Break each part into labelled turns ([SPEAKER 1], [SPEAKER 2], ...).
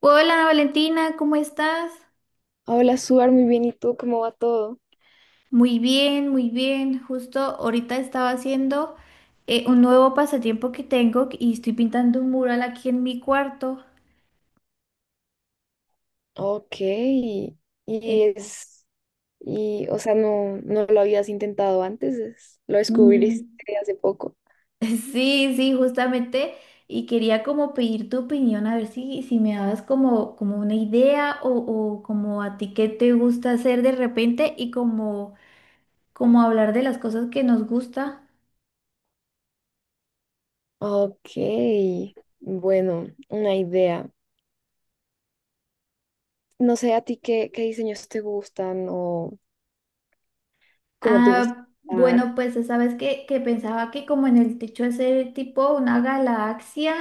[SPEAKER 1] Hola Valentina, ¿cómo estás?
[SPEAKER 2] Hola, Suar, muy bien. ¿Y tú cómo va todo?
[SPEAKER 1] Muy bien, muy bien. Justo ahorita estaba haciendo un nuevo pasatiempo que tengo y estoy pintando un mural aquí en mi cuarto.
[SPEAKER 2] Ok, y
[SPEAKER 1] Eh,
[SPEAKER 2] es, y, o sea, no lo habías intentado antes, lo descubriste
[SPEAKER 1] mm,
[SPEAKER 2] hace poco.
[SPEAKER 1] sí, sí, justamente. Y quería como pedir tu opinión, a ver si me dabas como, como una idea o como a ti qué te gusta hacer de repente y como, como hablar de las cosas que nos gusta.
[SPEAKER 2] Ok, bueno, una idea. No sé a ti qué diseños te gustan o cómo te gusta
[SPEAKER 1] Ah, bueno,
[SPEAKER 2] diseñar
[SPEAKER 1] pues sabes que pensaba que como en el techo hacer tipo una galaxia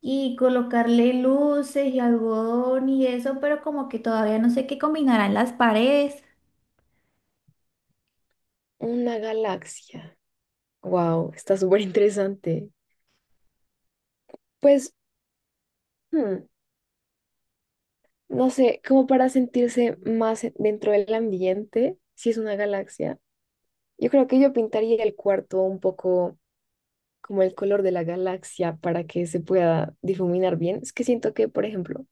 [SPEAKER 1] y colocarle luces y algodón y eso, pero como que todavía no sé qué combinarán las paredes.
[SPEAKER 2] una galaxia. Wow, está súper interesante. Pues, hmm, no sé, como para sentirse más dentro del ambiente, si es una galaxia. Yo creo que yo pintaría el cuarto un poco como el color de la galaxia para que se pueda difuminar bien. Es que siento que, por ejemplo,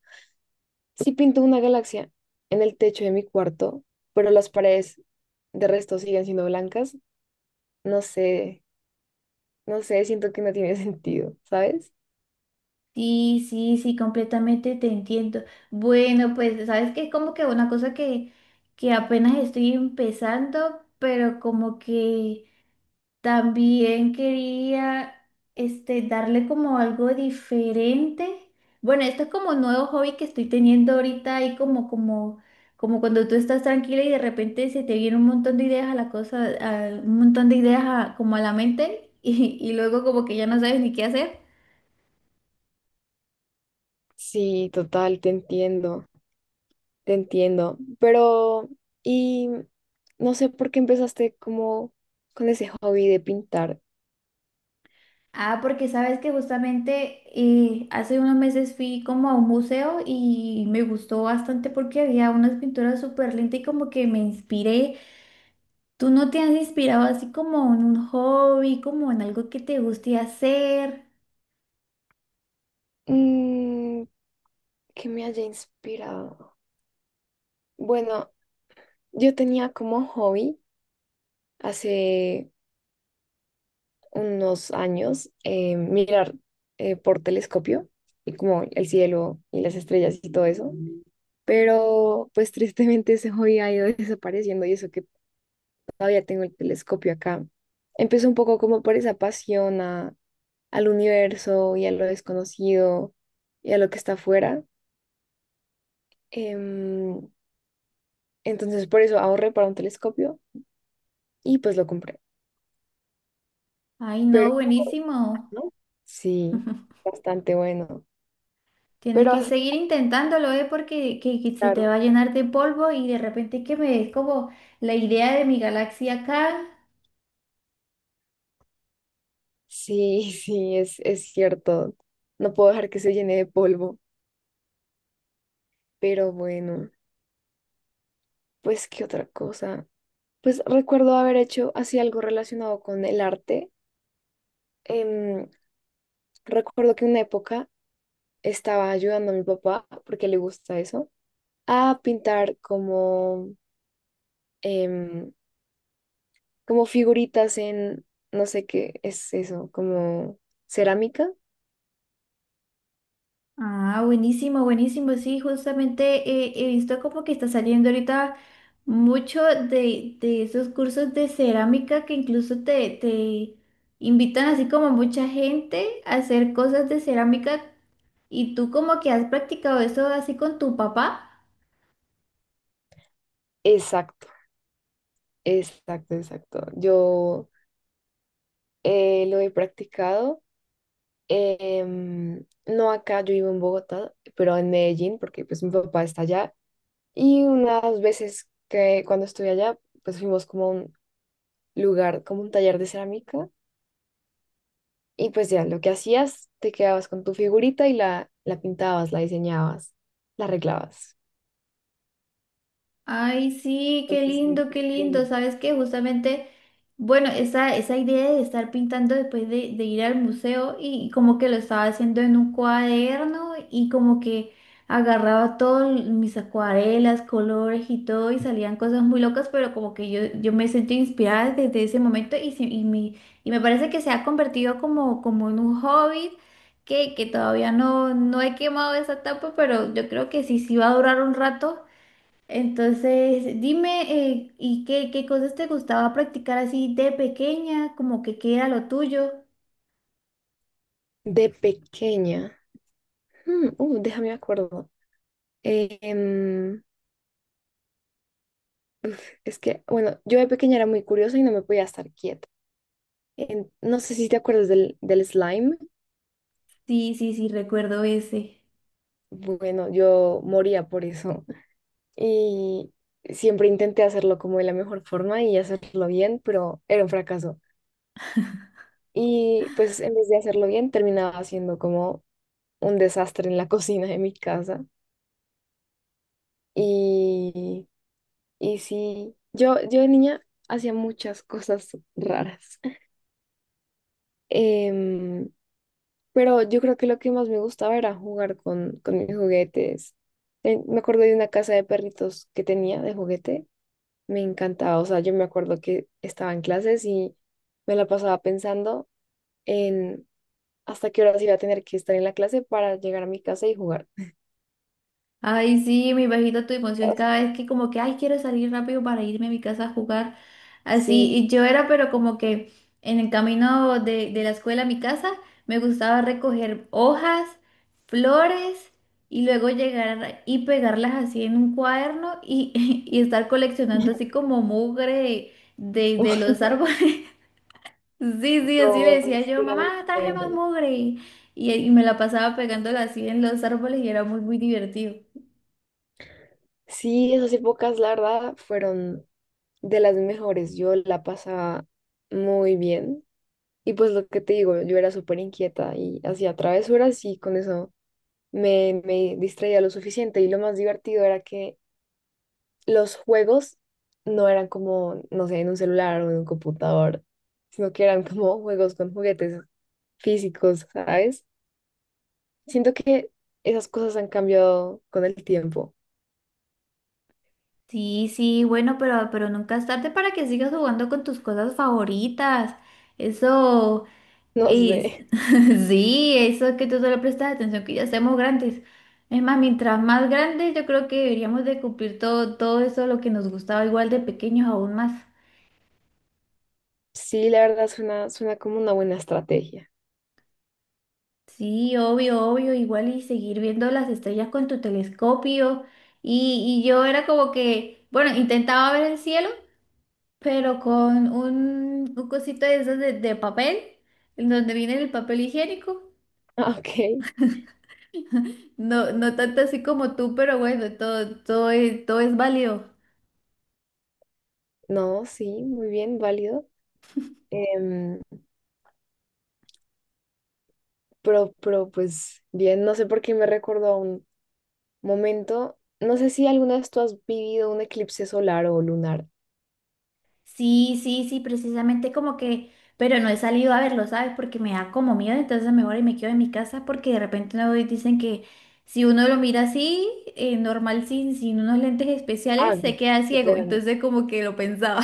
[SPEAKER 2] si pinto una galaxia en el techo de mi cuarto, pero las paredes de resto siguen siendo blancas, no sé, siento que no tiene sentido, ¿sabes?
[SPEAKER 1] Sí, sí, sí, completamente te entiendo. Bueno, pues sabes que es como que una cosa que apenas estoy empezando, pero como que también quería este, darle como algo diferente. Bueno, esto es como un nuevo hobby que estoy teniendo ahorita y como cuando tú estás tranquila y de repente se te viene un montón de ideas a la cosa, un montón de ideas como a la mente y luego como que ya no sabes ni qué hacer.
[SPEAKER 2] Sí, total, te entiendo, te entiendo. Pero, y no sé por qué empezaste como con ese hobby de pintar.
[SPEAKER 1] Ah, porque sabes que justamente hace unos meses fui como a un museo y me gustó bastante porque había unas pinturas súper lindas y como que me inspiré. ¿Tú no te has inspirado así como en un hobby, como en algo que te guste hacer?
[SPEAKER 2] Mm, que me haya inspirado. Bueno, yo tenía como hobby hace unos años mirar por telescopio y como el cielo y las estrellas y todo eso, pero pues tristemente ese hobby ha ido desapareciendo y eso que todavía tengo el telescopio acá. Empezó un poco como por esa pasión al universo y a lo desconocido y a lo que está afuera. Em, entonces por eso ahorré para un telescopio y pues lo compré.
[SPEAKER 1] Ay,
[SPEAKER 2] Pero
[SPEAKER 1] no, buenísimo.
[SPEAKER 2] ¿no? Sí, bastante bueno.
[SPEAKER 1] Tienes
[SPEAKER 2] Pero
[SPEAKER 1] que
[SPEAKER 2] así,
[SPEAKER 1] seguir intentándolo, ¿eh? Porque que se te va
[SPEAKER 2] claro.
[SPEAKER 1] a llenar de polvo y de repente que me des como la idea de mi galaxia acá.
[SPEAKER 2] Sí, sí, es cierto. No puedo dejar que se llene de polvo. Pero bueno, pues qué otra cosa. Pues recuerdo haber hecho así algo relacionado con el arte. Em, Recuerdo que en una época estaba ayudando a mi papá, porque le gusta eso, a pintar como, em, como figuritas en, no sé qué es eso, como cerámica.
[SPEAKER 1] Ah, buenísimo, buenísimo. Sí, justamente he visto como que está saliendo ahorita mucho de esos cursos de cerámica que incluso te invitan así como mucha gente a hacer cosas de cerámica. ¿Y tú como que has practicado eso así con tu papá?
[SPEAKER 2] Exacto. Exacto, exacto. Yo lo he practicado. No acá, yo vivo en Bogotá, pero en Medellín, porque pues mi papá está allá. Y unas veces que cuando estuve allá, pues fuimos como a un lugar, como un taller de cerámica. Y pues ya, lo que hacías, te quedabas con tu figurita y la pintabas, la diseñabas, la arreglabas.
[SPEAKER 1] Ay, sí, qué
[SPEAKER 2] Entonces, de
[SPEAKER 1] lindo, qué
[SPEAKER 2] pequeña.
[SPEAKER 1] lindo. ¿Sabes qué? Justamente, bueno, esa idea de estar pintando después de ir al museo y como que lo estaba haciendo en un cuaderno y como que agarraba todas mis acuarelas, colores y todo y salían cosas muy locas, pero como que yo me sentí inspirada desde ese momento y me y me parece que se ha convertido como, como en un hobby. Que todavía no he quemado esa etapa, pero yo creo que sí, sí va a durar un rato entonces, dime, ¿y qué, qué cosas te gustaba practicar así de pequeña? Como que qué era lo tuyo.
[SPEAKER 2] De pequeña, déjame me acuerdo. em, Es que, bueno, yo de pequeña era muy curiosa y no me podía estar quieta. No sé si te acuerdas del slime.
[SPEAKER 1] Sí, sí, sí, recuerdo ese.
[SPEAKER 2] Bueno, yo moría por eso. Y siempre intenté hacerlo como de la mejor forma y hacerlo bien, pero era un fracaso. Y pues en vez de hacerlo bien, terminaba haciendo como un desastre en la cocina de mi casa. Y, y sí, yo de niña hacía muchas cosas raras. Em, Pero yo creo que lo que más me gustaba era jugar con mis juguetes. Me acuerdo de una casa de perritos que tenía de juguete. Me encantaba. O sea, yo me acuerdo que estaba en clases y me la pasaba pensando en hasta qué horas iba a tener que estar en la clase para llegar a mi casa y jugar.
[SPEAKER 1] Ay, sí, me imagino tu emoción cada vez que como que, ay, quiero salir rápido para irme a mi casa a jugar. Así,
[SPEAKER 2] Sí.
[SPEAKER 1] y yo era, pero como que en el camino de la escuela a mi casa, me gustaba recoger hojas, flores, y luego llegar y pegarlas así en un cuaderno y, y estar coleccionando así como mugre de los árboles. Sí, sí, así le
[SPEAKER 2] No,
[SPEAKER 1] decía
[SPEAKER 2] sí,
[SPEAKER 1] yo,
[SPEAKER 2] era
[SPEAKER 1] mamá,
[SPEAKER 2] muy
[SPEAKER 1] traje más
[SPEAKER 2] chévere.
[SPEAKER 1] mugre. Y me la pasaba pegándola así en los árboles y era muy, muy divertido.
[SPEAKER 2] Sí, esas épocas, la verdad, fueron de las mejores. Yo la pasaba muy bien. Y pues lo que te digo, yo era súper inquieta y hacía travesuras y con eso me distraía lo suficiente. Y lo más divertido era que los juegos no eran como, no sé, en un celular o en un computador, sino que eran como juegos con juguetes físicos, ¿sabes? Siento que esas cosas han cambiado con el tiempo.
[SPEAKER 1] Sí, sí, bueno, pero nunca es tarde para que sigas jugando con tus cosas favoritas. Eso
[SPEAKER 2] No sé.
[SPEAKER 1] es, sí, eso es que tú solo prestas atención que ya seamos grandes. Es más, mientras más grandes, yo creo que deberíamos de cumplir todo, todo eso, lo que nos gustaba igual de pequeños aún más.
[SPEAKER 2] Sí, la verdad suena, suena como una buena estrategia.
[SPEAKER 1] Sí, obvio, obvio, igual y seguir viendo las estrellas con tu telescopio. Y yo era como que, bueno, intentaba ver el cielo, pero con un cosito de esas de papel, en donde viene el papel higiénico.
[SPEAKER 2] Ah, ok.
[SPEAKER 1] No, no tanto así como tú, pero bueno, todo es válido.
[SPEAKER 2] No, sí, muy bien, válido. Em, pero, pues bien, no sé por qué me recordó a un momento. No sé si alguna vez tú has vivido un eclipse solar o lunar.
[SPEAKER 1] Sí, sí, sí, precisamente como que, pero no he salido a verlo, ¿sabes? Porque me da como miedo, entonces mejor y me quedo en mi casa porque de repente no dicen que si uno lo mira así, normal, sin unos lentes especiales,
[SPEAKER 2] Ah, no,
[SPEAKER 1] se queda
[SPEAKER 2] se te
[SPEAKER 1] ciego,
[SPEAKER 2] da-
[SPEAKER 1] entonces como que lo pensaba.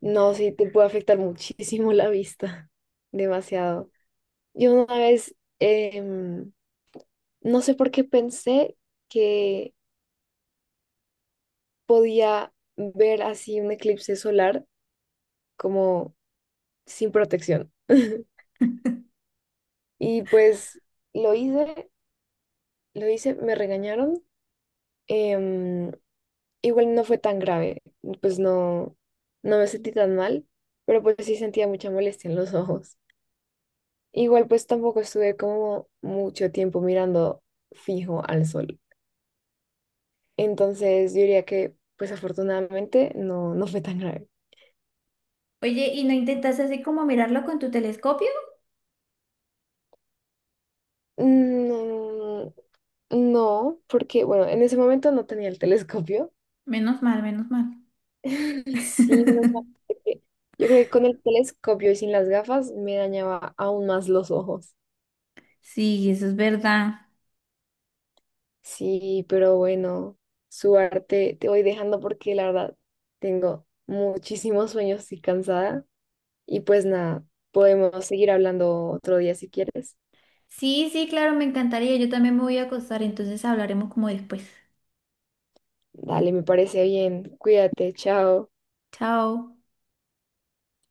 [SPEAKER 2] no, sí, te puede afectar muchísimo la vista. Demasiado. Yo una vez, no sé por qué pensé que podía ver así un eclipse solar como sin protección. Y pues lo hice, lo hice, me regañaron. em, Igual no fue tan grave, pues no, no me sentí tan mal, pero pues sí sentía mucha molestia en los ojos. Igual pues tampoco estuve como mucho tiempo mirando fijo al sol. Entonces yo diría que pues afortunadamente no, no fue tan grave.
[SPEAKER 1] Oye, ¿y no intentas así como mirarlo con tu telescopio?
[SPEAKER 2] No, no, porque bueno, en ese momento no tenía el telescopio.
[SPEAKER 1] Menos mal, menos mal.
[SPEAKER 2] Sí, menos mal que- yo creo que con el telescopio y sin las gafas me dañaba aún más los ojos.
[SPEAKER 1] Sí, eso es verdad.
[SPEAKER 2] Sí, pero bueno, su arte te voy dejando porque la verdad tengo muchísimos sueños y cansada. Y pues nada, podemos seguir hablando otro día si quieres.
[SPEAKER 1] Sí, sí, claro, me encantaría. Yo también me voy a acostar, entonces hablaremos como después.
[SPEAKER 2] Dale, me parece bien. Cuídate, chao.
[SPEAKER 1] Chao.